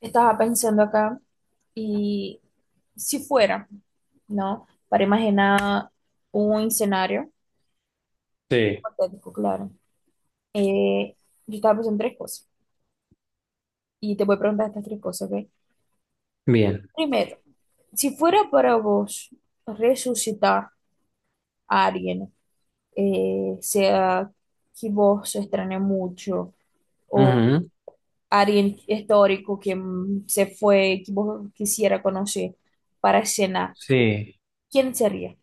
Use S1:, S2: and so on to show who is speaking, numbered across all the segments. S1: Estaba pensando acá y si fuera, ¿no? Para imaginar un escenario
S2: Sí,
S1: hipotético, claro. Eh, yo estaba pensando en tres cosas y te voy a preguntar estas tres cosas, ¿ok?
S2: bien.
S1: Primero, si fuera para vos resucitar a alguien, sea que vos extrañe mucho o
S2: Ujú.
S1: alguien histórico que se fue, que vos quisiera conocer para escena,
S2: Sí.
S1: ¿quién sería?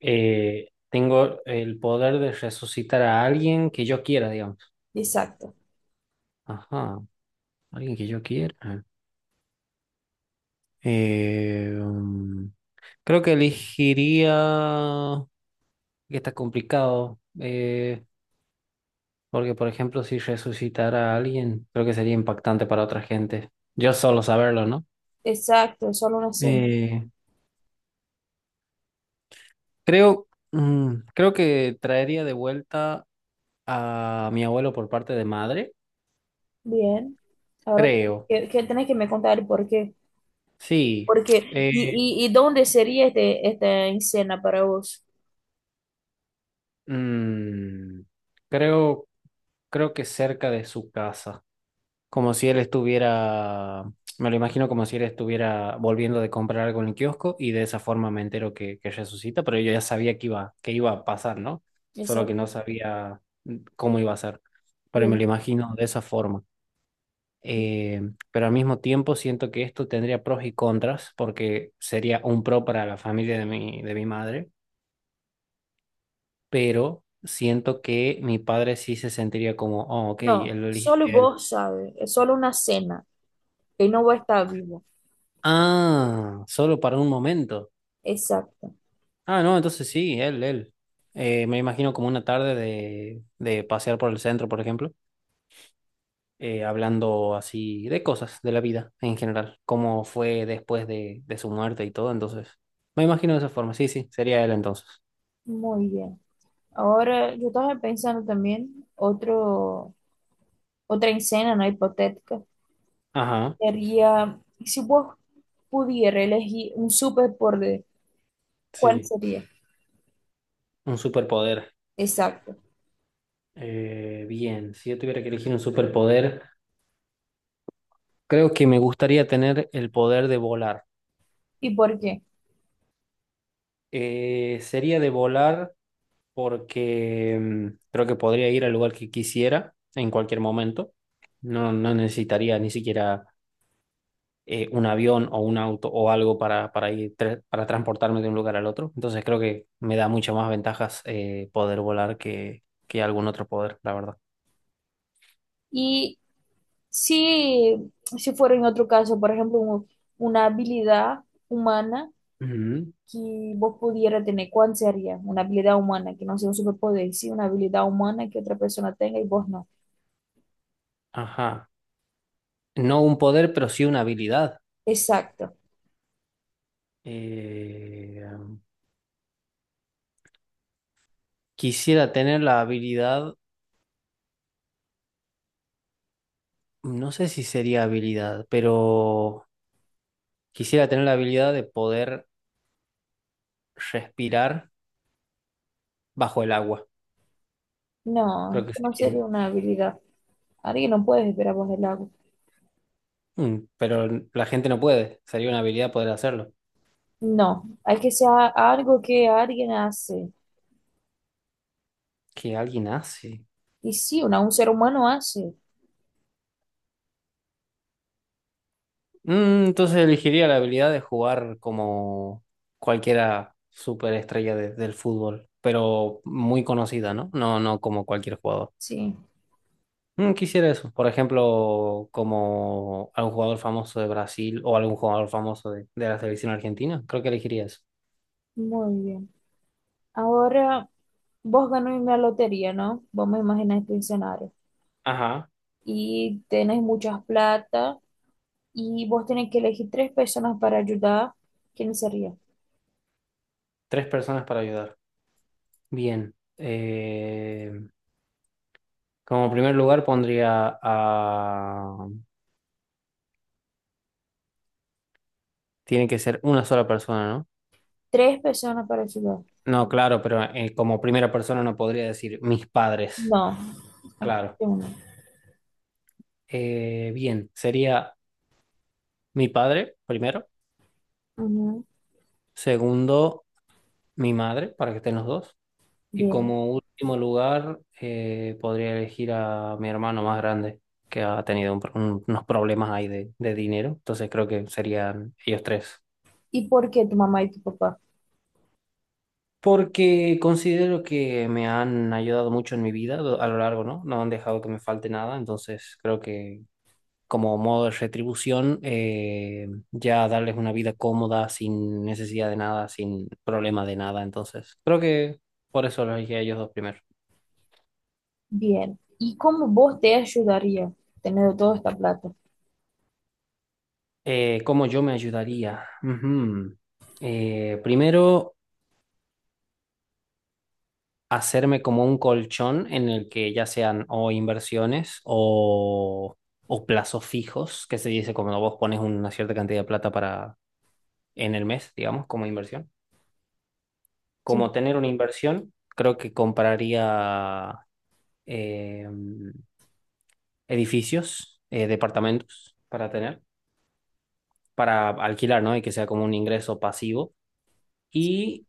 S2: Tengo el poder de resucitar a alguien que yo quiera, digamos.
S1: Exacto,
S2: Ajá, alguien que yo quiera. Eh, mm, Creo que elegiría... que está complicado. Porque, por ejemplo, si resucitara a alguien, creo que sería impactante para otra gente. Yo solo saberlo, ¿no?
S1: exacto, solo una cena.
S2: Eh, Creo, creo que traería de vuelta a mi abuelo por parte de madre.
S1: Bien. Ahora
S2: Creo.
S1: que tenés que me contar el por qué.
S2: Sí,
S1: Porque, y,
S2: eh,
S1: y, y dónde sería esta cena para vos.
S2: mm, creo, creo que cerca de su casa, como si él estuviera, me lo imagino como si él estuviera volviendo de comprar algo en el kiosco y de esa forma me entero que resucita, pero yo ya sabía que iba a pasar, ¿no? Solo que no
S1: Exacto.
S2: sabía cómo iba a ser, pero me lo
S1: Bien.
S2: imagino de esa forma. Eh, pero al mismo tiempo siento que esto tendría pros y contras porque sería un pro para la familia de mi madre, pero siento que mi padre sí se sentiría como, oh, ok,
S1: No,
S2: él lo
S1: solo
S2: eligiste a él.
S1: vos sabes, es solo una cena, que no va a estar vivo.
S2: Ah, solo para un momento.
S1: Exacto.
S2: Ah, no, entonces sí, él. Me imagino como una tarde de pasear por el centro, por ejemplo, hablando así de cosas de la vida en general, cómo fue después de su muerte y todo, entonces. Me imagino de esa forma, sí, sí, sería él entonces.
S1: Muy bien. Ahora yo estaba pensando también otra escena, ¿no? Hipotética.
S2: Ajá,
S1: Sería, si vos pudieras elegir un superpoder, ¿cuál
S2: sí,
S1: sería?
S2: un superpoder.
S1: Exacto.
S2: Bien, si yo tuviera que elegir un superpoder... Creo que me gustaría tener el poder de volar.
S1: ¿Y por qué?
S2: Sería de volar porque creo que podría ir al lugar que quisiera en cualquier momento. No, no necesitaría ni siquiera un avión o un auto o algo para ir para transportarme de un lugar al otro. Entonces creo que me da muchas más ventajas poder volar que algún otro poder, la verdad.
S1: Y si, si fuera en otro caso, por ejemplo, una habilidad humana
S2: Ujú.
S1: que vos pudiera tener, ¿cuál sería? Una habilidad humana, que no sea un superpoder, sí, una habilidad humana que otra persona tenga y vos no.
S2: Ajá. No un poder, pero sí una habilidad.
S1: Exacto.
S2: Eh, Quisiera tener la habilidad. No sé si sería habilidad, pero quisiera tener la habilidad de poder respirar bajo el agua. Creo
S1: No,
S2: que
S1: no
S2: sería.
S1: sería una habilidad. Alguien no puede esperar vos el agua.
S2: Mm, pero la gente no puede. Sería una habilidad poder hacerlo.
S1: No, hay que ser algo que alguien hace.
S2: Que alguien hace.
S1: Y sí, una, un ser humano hace.
S2: Mm, entonces elegiría la habilidad de jugar como cualquiera superestrella del fútbol, pero muy conocida, ¿no? No, no como cualquier jugador.
S1: Sí,
S2: Mm, quisiera eso. Por ejemplo, como algún jugador famoso de Brasil o algún jugador famoso de la selección argentina. Creo que elegiría eso.
S1: muy bien. Ahora vos ganás una lotería, ¿no? Vamos a imaginar este escenario.
S2: Ajá.
S1: Y tenés mucha plata y vos tenés que elegir tres personas para ayudar. ¿Quién sería?
S2: Tres personas para ayudar. Bien. Como primer lugar pondría a... Tiene que ser una sola persona, ¿no?
S1: Tres personas para ayudar.
S2: No, claro, pero como primera persona no podría decir mis padres.
S1: No, aquí
S2: Claro.
S1: hay uno.
S2: Bien. Sería mi padre primero.
S1: Ujú.
S2: Segundo, mi madre, para que estén los dos. Y
S1: Bien.
S2: como último lugar, podría elegir a mi hermano más grande, que ha tenido un unos problemas ahí de dinero. Entonces creo que serían ellos tres.
S1: ¿Y por qué tu mamá y tu papá?
S2: Porque considero que me han ayudado mucho en mi vida a lo largo, ¿no? No han dejado que me falte nada. Entonces creo que como modo de retribución, ya darles una vida cómoda, sin necesidad de nada, sin problema de nada. Entonces creo que por eso los elegí a ellos dos primero.
S1: Bien. ¿Y cómo vos te ayudaría teniendo toda esta plata?
S2: ¿Cómo yo me ayudaría? Ujú. Primero, hacerme como un colchón en el que ya sean o inversiones o plazos fijos, que se dice cuando vos pones una cierta cantidad de plata para en el mes, digamos, como inversión.
S1: Sí.
S2: Como tener una inversión, creo que compraría eh, edificios, departamentos para tener, para alquilar, ¿no? Y que sea como un ingreso pasivo.
S1: Sí.
S2: Y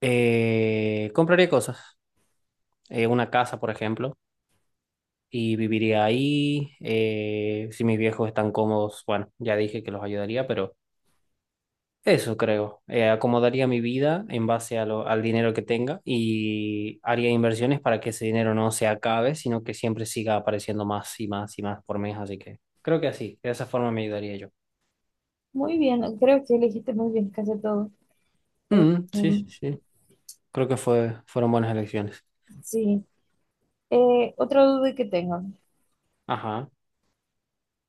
S2: compraría cosas. Una casa, por ejemplo, y viviría ahí. Si mis viejos están cómodos, bueno, ya dije que los ayudaría, pero eso creo. Acomodaría mi vida en base a al dinero que tenga y haría inversiones para que ese dinero no se acabe, sino que siempre siga apareciendo más y más y más por mes. Así que creo que así, de esa forma me ayudaría yo.
S1: Muy bien, creo que elegiste muy bien casi todo. Eh,
S2: Mm, sí,
S1: mm,
S2: sí, sí. Creo que fueron buenas elecciones.
S1: sí. Otra duda que tengo.
S2: Ajá.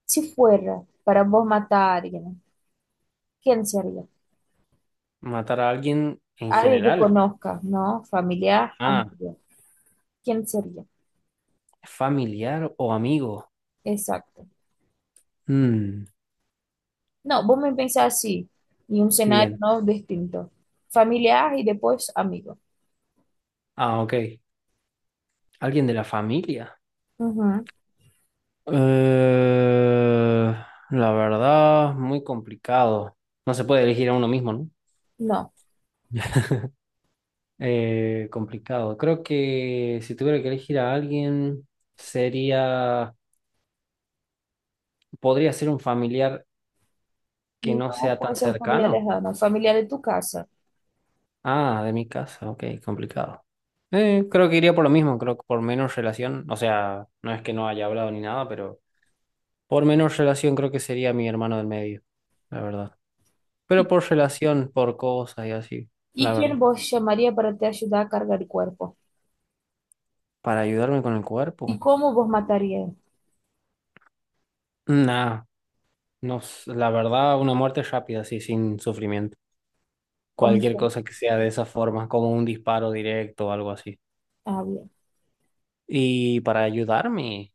S1: Si fuera para vos matar a alguien, ¿quién sería?
S2: Matar a alguien en
S1: Alguien que
S2: general.
S1: conozcas, ¿no? Familiar,
S2: Ah,
S1: amigo. ¿Quién sería?
S2: familiar o amigo.
S1: Exacto.
S2: Mm,
S1: No, vos me pensás así, y un escenario
S2: bien.
S1: no distinto. Familiar y después amigo.
S2: Ah, ok. ¿Alguien de la familia?
S1: Ujú.
S2: Eh, la verdad, muy complicado. No se puede elegir a uno mismo, ¿no?
S1: No,
S2: Complicado. Creo que si tuviera que elegir a alguien, sería, podría ser un familiar que no
S1: no
S2: sea
S1: puede
S2: tan
S1: ser un familiar
S2: cercano.
S1: lejano, familiar de tu casa.
S2: Ah, de mi casa, ok, complicado. Creo que iría por lo mismo, creo que por menos relación, o sea, no es que no haya hablado ni nada, pero por menos relación creo que sería mi hermano del medio, la verdad. Pero
S1: ¿Y,
S2: por relación, por cosas y así, la
S1: y
S2: verdad.
S1: quién vos llamaría para te ayudar a cargar el cuerpo?
S2: Para ayudarme con el
S1: ¿Y
S2: cuerpo.
S1: cómo vos matarías?
S2: Nah, no, la verdad, una muerte rápida, así, sin sufrimiento.
S1: ¿Cómo
S2: Cualquier
S1: te-
S2: cosa que sea de esa forma, como un disparo directo o algo así.
S1: Bien.
S2: Y para ayudarme,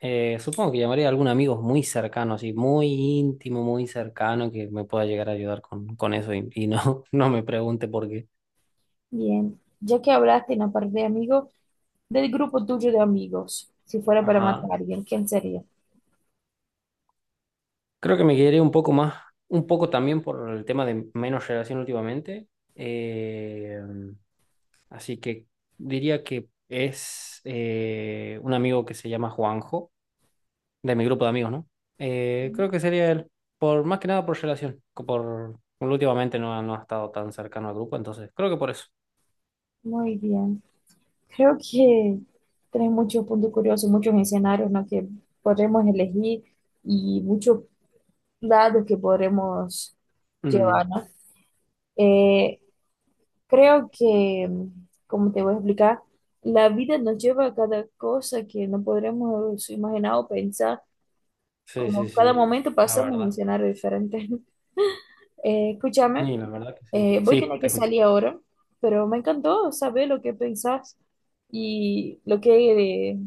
S2: supongo que llamaría a algún amigo muy cercano, así, muy íntimo, muy cercano, que me pueda llegar a ayudar con eso y no, no me pregunte por qué.
S1: Bien. Ya que hablaste en la parte de amigos, del grupo tuyo de amigos, si fuera para
S2: Ajá.
S1: matar a alguien, ¿quién sería?
S2: Creo que me quedé un poco más, un poco también por el tema de menos relación últimamente. Eh, Así que diría que es un amigo que se llama Juanjo, de mi grupo de amigos, ¿no? Creo que sería él, por más que nada por relación, por últimamente no, no ha estado tan cercano al grupo, entonces creo que por eso.
S1: Muy bien. Creo que tenés muchos puntos curiosos, muchos escenarios, ¿no?, que podremos elegir y muchos lados que podremos llevar,
S2: Mm,
S1: ¿no? Eh, Creo que, como te voy a explicar, la vida nos lleva a cada cosa que no podremos imaginar o pensar,
S2: sí, sí,
S1: como cada
S2: sí,
S1: momento
S2: la
S1: pasamos un
S2: verdad.
S1: escenario diferente. Escúchame.
S2: Y la verdad que sí.
S1: Voy a
S2: Sí,
S1: tener que
S2: te escucho.
S1: salir ahora, pero me encantó saber lo que pensás y lo que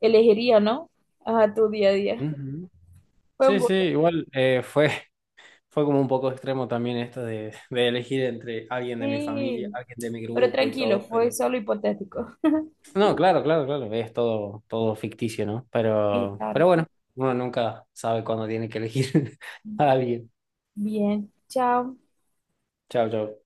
S1: elegiría, ¿no? A tu día a día.
S2: Ujú.
S1: Fue un
S2: Sí, sí,
S1: gusto.
S2: igual fue. Fue como un poco extremo también esto de, de elegir entre alguien de mi familia,
S1: Sí,
S2: alguien de mi
S1: pero
S2: grupo y
S1: tranquilo,
S2: todo,
S1: fue
S2: pero...
S1: solo hipotético.
S2: No, claro, claro, claro, es todo, todo ficticio, ¿no?
S1: Sí, claro.
S2: Pero bueno, uno nunca sabe cuándo tiene que elegir a alguien.
S1: Bien, chao.
S2: Chao, chao.